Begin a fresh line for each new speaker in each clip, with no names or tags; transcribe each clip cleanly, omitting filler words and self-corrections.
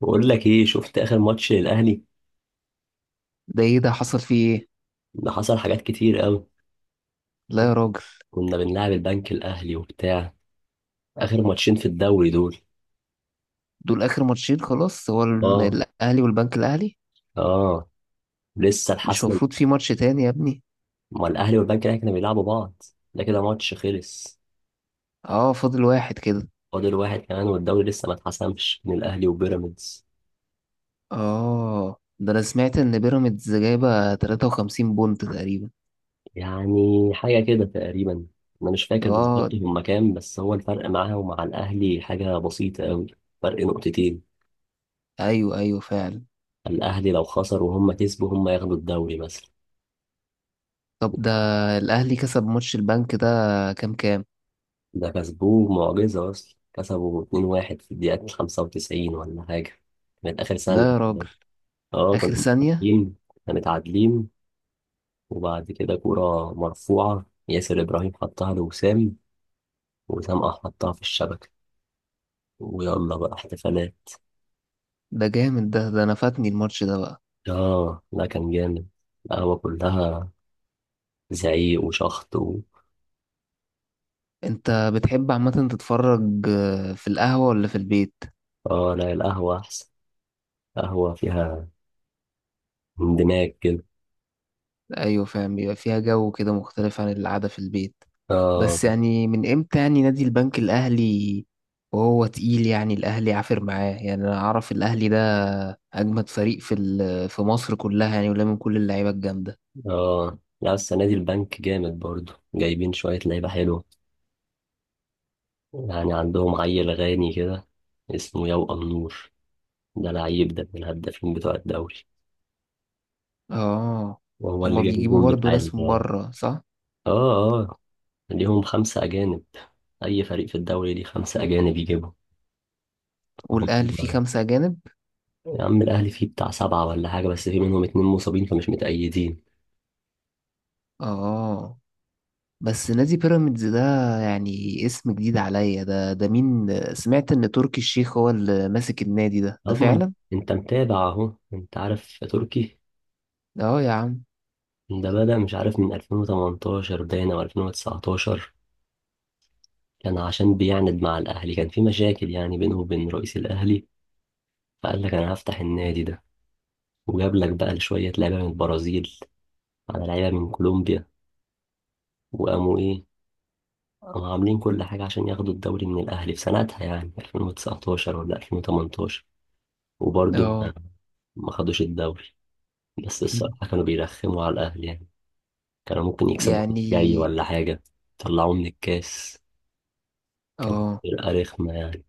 بقول لك ايه؟ شفت اخر ماتش للاهلي؟
ده ايه ده حصل فيه ايه؟
ده حصل حاجات كتير قوي.
لا
كنت-
يا راجل.
كنا بنلعب البنك الاهلي وبتاع. اخر ماتشين في الدوري دول.
دول اخر ماتشين خلاص، هو
اه.
الاهلي والبنك الاهلي؟
اه. لسه
مش
الحسم.
مفروض في ماتش تاني يا ابني؟
ما الاهلي والبنك الاهلي كانوا بيلعبوا بعض، ده كده ماتش خلص.
اه، فاضل واحد كده.
فاضل واحد كمان، والدوري لسه ما اتحسمش من الاهلي وبيراميدز.
اه، ده انا سمعت ان بيراميدز جايبه 53 بونت تقريبا.
يعني حاجه كده تقريبا، انا مش فاكر
اه،
بالظبط هما كام، بس هو الفرق معاه ومع الاهلي حاجه بسيطه قوي. فرق نقطتين.
ايوه ايوه فعلا.
الاهلي لو خسر وهم كسبوا، هم ياخدوا الدوري مثلا.
طب ده، الاهلي كسب ماتش البنك ده؟ كام كام؟
ده كسبوه معجزة، أصلا كسبوا 2-1 في الدقيقة 95 ولا حاجة، كانت آخر ثانية
لا يا راجل،
كمان. اه كنا
اخر ثانية؟
متعادلين. كنا متعادلين، وبعد كده كورة مرفوعة ياسر إبراهيم حطها لوسام، وسام قام حطها في الشبكة، ويلا بقى احتفالات.
ده جامد ده انا فاتني الماتش ده بقى.
اه لا كان جامد، القهوة كلها زعيق وشخط و...
انت بتحب عامة تتفرج في القهوة ولا في البيت؟
اه لا القهوة أحسن. قهوة فيها اندماج كده.
ايوه فاهم، بيبقى فيها جو كده مختلف عن القعده في البيت.
اه.
بس يعني من امتى يعني نادي البنك الاهلي وهو تقيل؟ يعني الاهلي عافر معاه، يعني انا اعرف الاهلي ده اجمد فريق في في مصر كلها يعني، ولا من كل اللعيبه الجامده.
اه لا السنة دي البنك جامد برضو، جايبين شوية لعيبة حلوة. يعني عندهم عيل غاني كده اسمه يوأ النور، ده لعيب ده من الهدافين بتوع الدوري.
اه،
وهو اللي
هما
جاب
بيجيبوا
الجون
برضو
بتاع
ناس من بره، صح؟
اه آه. ليهم خمسة أجانب. أي فريق في الدوري ليه خمسة أجانب يجيبهم.
والاهلي فيه
هم.
خمسه اجانب؟
يا عم الأهلي فيه بتاع سبعة ولا حاجة، بس في منهم اتنين مصابين فمش متأيدين.
اه، بس نادي بيراميدز ده يعني اسم جديد عليا، ده ده مين؟ سمعت ان تركي الشيخ هو اللي ماسك النادي ده، ده
أضمن.
فعلا؟
أنت متابع أهو، أنت عارف تركي.
اه يا عم.
ده بدأ مش عارف من 2018 باين أو 2019. كان عشان بيعند مع الأهلي، كان في مشاكل يعني بينه وبين رئيس الأهلي، فقال لك انا هفتح النادي ده. وجاب لك بقى شويه لعيبه من البرازيل، على لعيبه من كولومبيا، وقاموا ايه، قاموا عاملين كل حاجه عشان ياخدوا الدوري من الاهلي في سنتها، يعني 2019 ولا 2018. وبرضه ما
اه.
ما خدوش الدوري. بس الصراحه كانوا بيرخموا على الاهلي يعني، كانوا ممكن يكسبوا الجاي
يعني
ولا حاجه. طلعوه من الكاس. كانت
اه
فرقه رخمه يعني.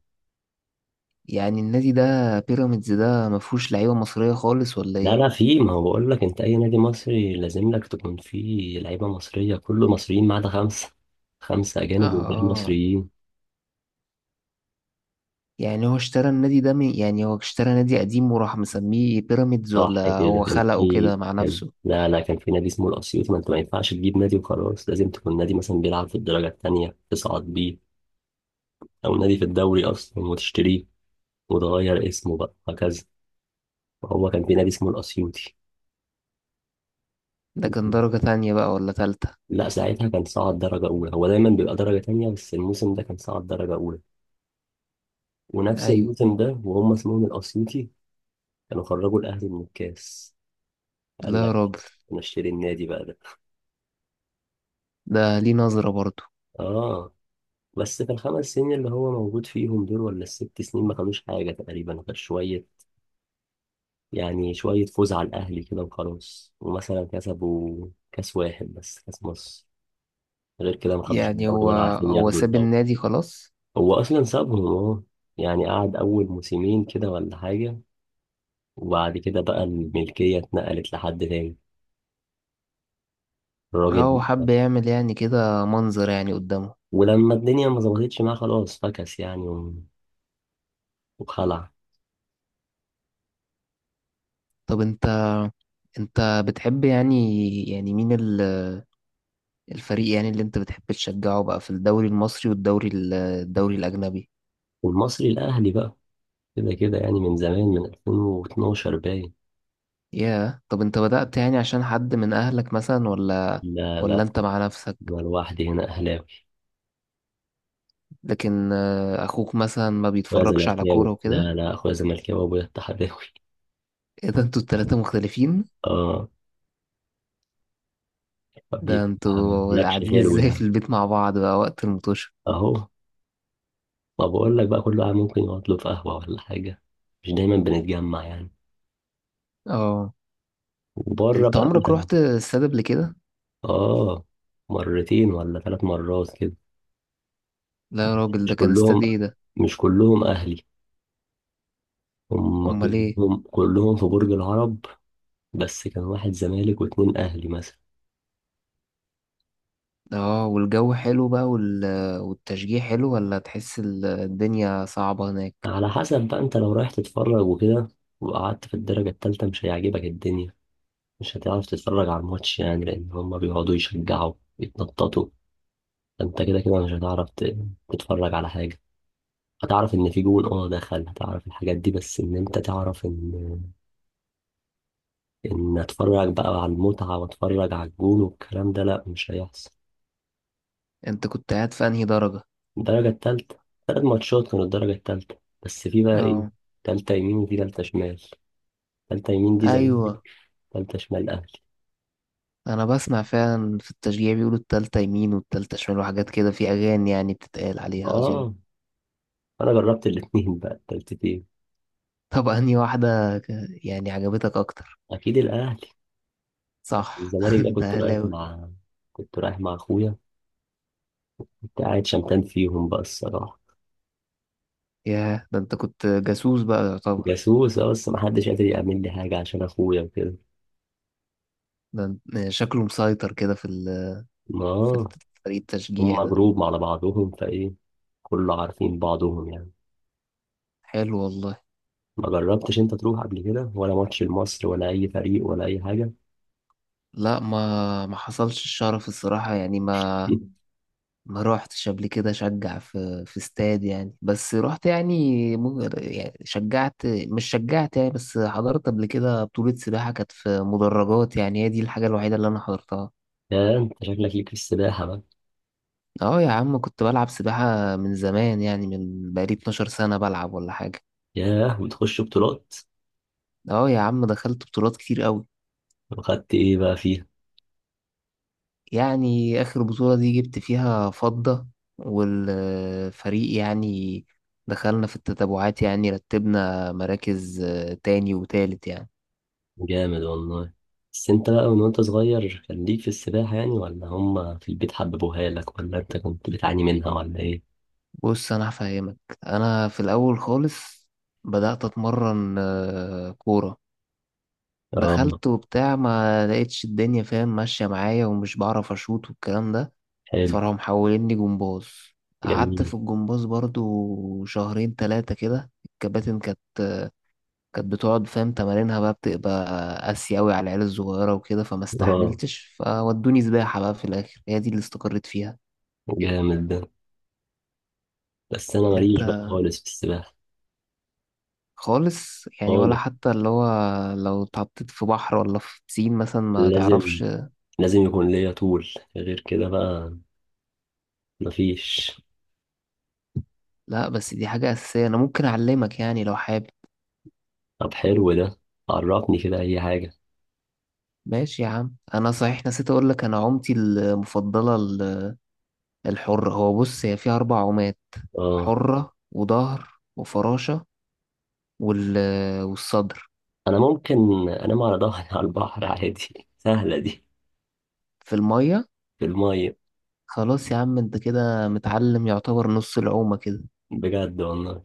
يعني النادي ده بيراميدز ده مفهوش لعيبة مصرية خالص ولا
لا
ايه؟
لا، في، ما هو بقول لك، انت اي نادي مصري لازم لك تكون فيه لعيبه مصريه، كله مصريين ما عدا خمسه. خمسه اجانب والباقي
اه،
مصريين.
يعني هو اشترى النادي ده من، يعني هو اشترى نادي قديم وراح مسميه بيراميدز،
صح
ولا
كده،
هو
كان
خلقه
في
كده مع
كان
نفسه؟
لا لا، كان في نادي اسمه الاسيوط. ما انت ما ينفعش تجيب نادي وخلاص، لازم تكون نادي مثلا بيلعب في الدرجه الثانيه تصعد بيه، او نادي في الدوري اصلا وتشتريه، وتغير اسمه بقى هكذا. هو كان في نادي اسمه الاسيوطي.
ده كان درجة تانية بقى ولا تالتة؟
لا ساعتها كان صعد درجة أولى. هو دايما بيبقى درجة تانية، بس الموسم ده كان صعد درجة أولى. ونفس
ايوه.
الموسم ده، وهم اسمهم الأسيوطي، كانوا خرجوا الاهلي من الكاس.
لا
قال
يا
لك
راجل،
نشتري النادي بقى ده.
ده ليه نظرة برضه.
اه. بس في الخمس سنين اللي هو موجود فيهم دول ولا الست سنين، ما خدوش حاجه تقريبا غير شويه. يعني شويه فوز على الاهلي كده وخلاص، ومثلا كسبوا كاس واحد، بس كاس مصر. غير كده ما خدوش
يعني
الدوري،
هو
ولا عارفين
هو
ياخدوا
ساب
الدوري.
النادي خلاص؟
هو اصلا سابهم. اه، يعني قعد اول موسمين كده ولا حاجه، وبعد كده بقى الملكيه اتنقلت لحد تاني.
اه،
الراجل،
هو حب يعمل يعني كده منظر يعني قدامه.
ولما الدنيا ما ظبطتش معاه خلاص، فكس يعني، وخلع.
طب انت بتحب يعني، يعني مين الفريق يعني اللي انت بتحب تشجعه بقى في الدوري المصري والدوري الدوري الأجنبي؟
والمصري الأهلي بقى، كده كده، يعني من زمان من 2012 باين.
ياه، طب انت بدأت يعني عشان حد من أهلك مثلا، ولا
لا لا.
ولا انت مع نفسك؟
أنا لوحدي هنا أهلاوي.
لكن أخوك مثلا ما
أخويا
بيتفرجش على كورة
زملكاوي،
وكده؟
لا لا، أخويا زملكاوي وأبويا اتحداوي.
ايه ده، انتوا التلاتة مختلفين؟
أه.
ده
فبيبقى
انتوا
نكش
قاعدين
حلو
ازاي في
يعني.
البيت مع بعض بقى وقت المطوشة؟
أهو. ما بقول لك بقى، كل واحد ممكن يقعد له في قهوة ولا حاجة، مش دايما بنتجمع يعني،
اه،
وبره
انت
بقى
عمرك
يعني.
رحت استاد قبل كده؟
أه. مرتين ولا ثلاث مرات كده.
لا يا
بس
راجل، ده
مش
كان
كلهم.
استاد ايه ده؟
مش كلهم أهلي. هم
امال ايه؟
كلهم كلهم في برج العرب. بس كان واحد زمالك واتنين اهلي مثلا.
اه، والجو حلو بقى والتشجيع حلو، ولا تحس الدنيا صعبة هناك؟
على حسب بقى، انت لو رايح تتفرج وكده وقعدت في الدرجة التالتة، مش هيعجبك الدنيا. مش هتعرف تتفرج على الماتش يعني، لأن هما بيقعدوا يشجعوا، يتنططوا. فانت كده كده مش هتعرف تتفرج على حاجة. هتعرف إن في جون اه دخل، هتعرف الحاجات دي، بس إن أنت تعرف إن أتفرج بقى على المتعة، وأتفرج على الجون والكلام ده، لأ مش هيحصل.
انت كنت قاعد في انهي درجة؟
الدرجة التالتة. تلات ماتشات كانوا الدرجة التالتة. بس في بقى إيه،
اه.
تالتة يمين وفي تالتة شمال. تالتة يمين دي زمالك.
ايوه.
تالتة شمال أهلي.
انا بسمع فعلا في التشجيع بيقولوا التالتة يمين والتالتة شمال وحاجات كده في اغاني يعني بتتقال عليها اظن.
آه. أنا جربت الاتنين بقى، التالتتين.
طب انهي واحدة، ك- يعني عجبتك اكتر؟
أكيد الأهلي.
صح.
الزمالك ده
انت
كنت رايح
اهلاوي.
مع كنت رايح مع أخويا. كنت قاعد شمتان فيهم بقى الصراحة.
ياه، ده انت كنت جاسوس بقى يعتبر.
جاسوس، آه، بس محدش قادر يعمل لي حاجة عشان أخويا وكده.
ده شكله مسيطر كده في في
آه.
فريق التشجيع
هما
ده.
جروب على بعضهم، فإيه، كله عارفين بعضهم يعني.
حلو والله.
ما جربتش أنت تروح قبل كده ولا ماتش لمصر ولا أي فريق ولا أي حاجة؟
لا، ما حصلش الشرف الصراحة يعني، ما روحتش قبل كده اشجع في استاد يعني، بس رحت يعني يعني شجعت مش شجعت يعني، بس حضرت قبل كده بطولة سباحة كانت في مدرجات، يعني هي دي الحاجة الوحيدة اللي انا حضرتها.
يا أنت شكلك ليك في السباحة بقى.
اه يا عم، كنت بلعب سباحة من زمان، يعني من بقالي 12 سنة بلعب ولا حاجة.
ياه وتخش بطولات.
اه يا عم، دخلت بطولات كتير قوي.
وخدت ايه بقى في.
يعني اخر بطولة دي جبت فيها فضة، والفريق يعني دخلنا في التتابعات، يعني رتبنا مراكز تاني وتالت يعني.
جامد والله. بس انت بقى من وانت صغير كان ليك في السباحة يعني، ولا هما في البيت حببوها لك، ولا انت كنت بتعاني منها ولا ايه؟
بص انا هفهمك، انا في الاول خالص بدأت اتمرن كورة،
اه.
دخلت وبتاع، ما لقيتش الدنيا فاهم ماشية معايا ومش بعرف اشوط والكلام ده.
حلو.
فراحوا محوليني جمباز، قعدت في
جميل.
الجمباز برضو شهرين تلاتة كده، الكباتن كانت بتقعد فاهم تمارينها بقى، بتبقى قاسية أوي على العيال الصغيرة وكده، فما
اه.
استحملتش، فودوني سباحة بقى في الآخر، هي دي اللي استقريت فيها.
جامد ده. بس انا
انت
ماليش بقى خالص في السباحة.
خالص يعني،
خالص.
ولا حتى اللي هو لو اتحطيت في بحر ولا في بسين مثلا ما
لازم،
تعرفش؟
لازم يكون ليا طول، غير كده بقى مفيش.
لا بس دي حاجة أساسية، أنا ممكن أعلمك يعني لو حابب.
طب حلو ده، عرفني كده اي حاجة.
ماشي يا عم، أنا صحيح نسيت أقول لك، أنا عومتي المفضلة الحرة هو بص هي فيها أربع عومات:
اه
حرة وظهر وفراشة وال... والصدر.
انا ممكن انام على ظهري على البحر عادي، سهلة دي.
في المية.
في المية.
خلاص يا عم، أنت كده متعلم يعتبر نص العومة كده.
بجد والله.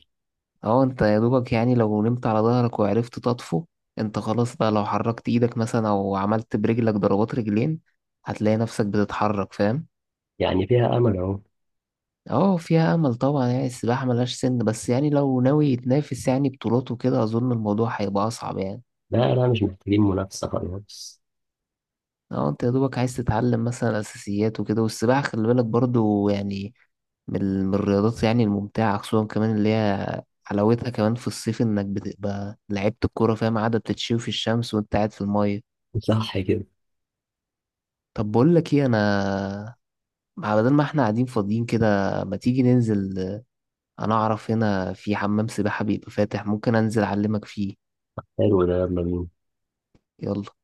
اه، انت يا دوبك يعني لو نمت على ظهرك وعرفت تطفو، انت خلاص بقى، لو حركت ايدك مثلا او عملت برجلك ضربات رجلين هتلاقي نفسك بتتحرك فاهم.
يعني فيها امل اهو.
اه فيها امل طبعا، يعني السباحة ملهاش سن، بس يعني لو ناوي يتنافس يعني بطولات وكده اظن الموضوع هيبقى اصعب يعني.
لا لا مش محتاجين منافسة خالص.
اه، انت يا دوبك عايز تتعلم مثلا اساسيات وكده، والسباحة خلي بالك برضو يعني من الرياضات يعني الممتعة، خصوصا كمان اللي هي حلاوتها كمان في الصيف انك بتبقى لعيبة الكورة فاهم، قاعدة بتتشوي في الشمس وانت قاعد في المية.
صح كده.
طب بقول لك ايه، انا بدل ما احنا قاعدين فاضيين كده، ما تيجي ننزل، انا اعرف هنا في حمام سباحة بيبقى فاتح، ممكن انزل اعلمك فيه.
حلو ده، يلا بينا.
يلا.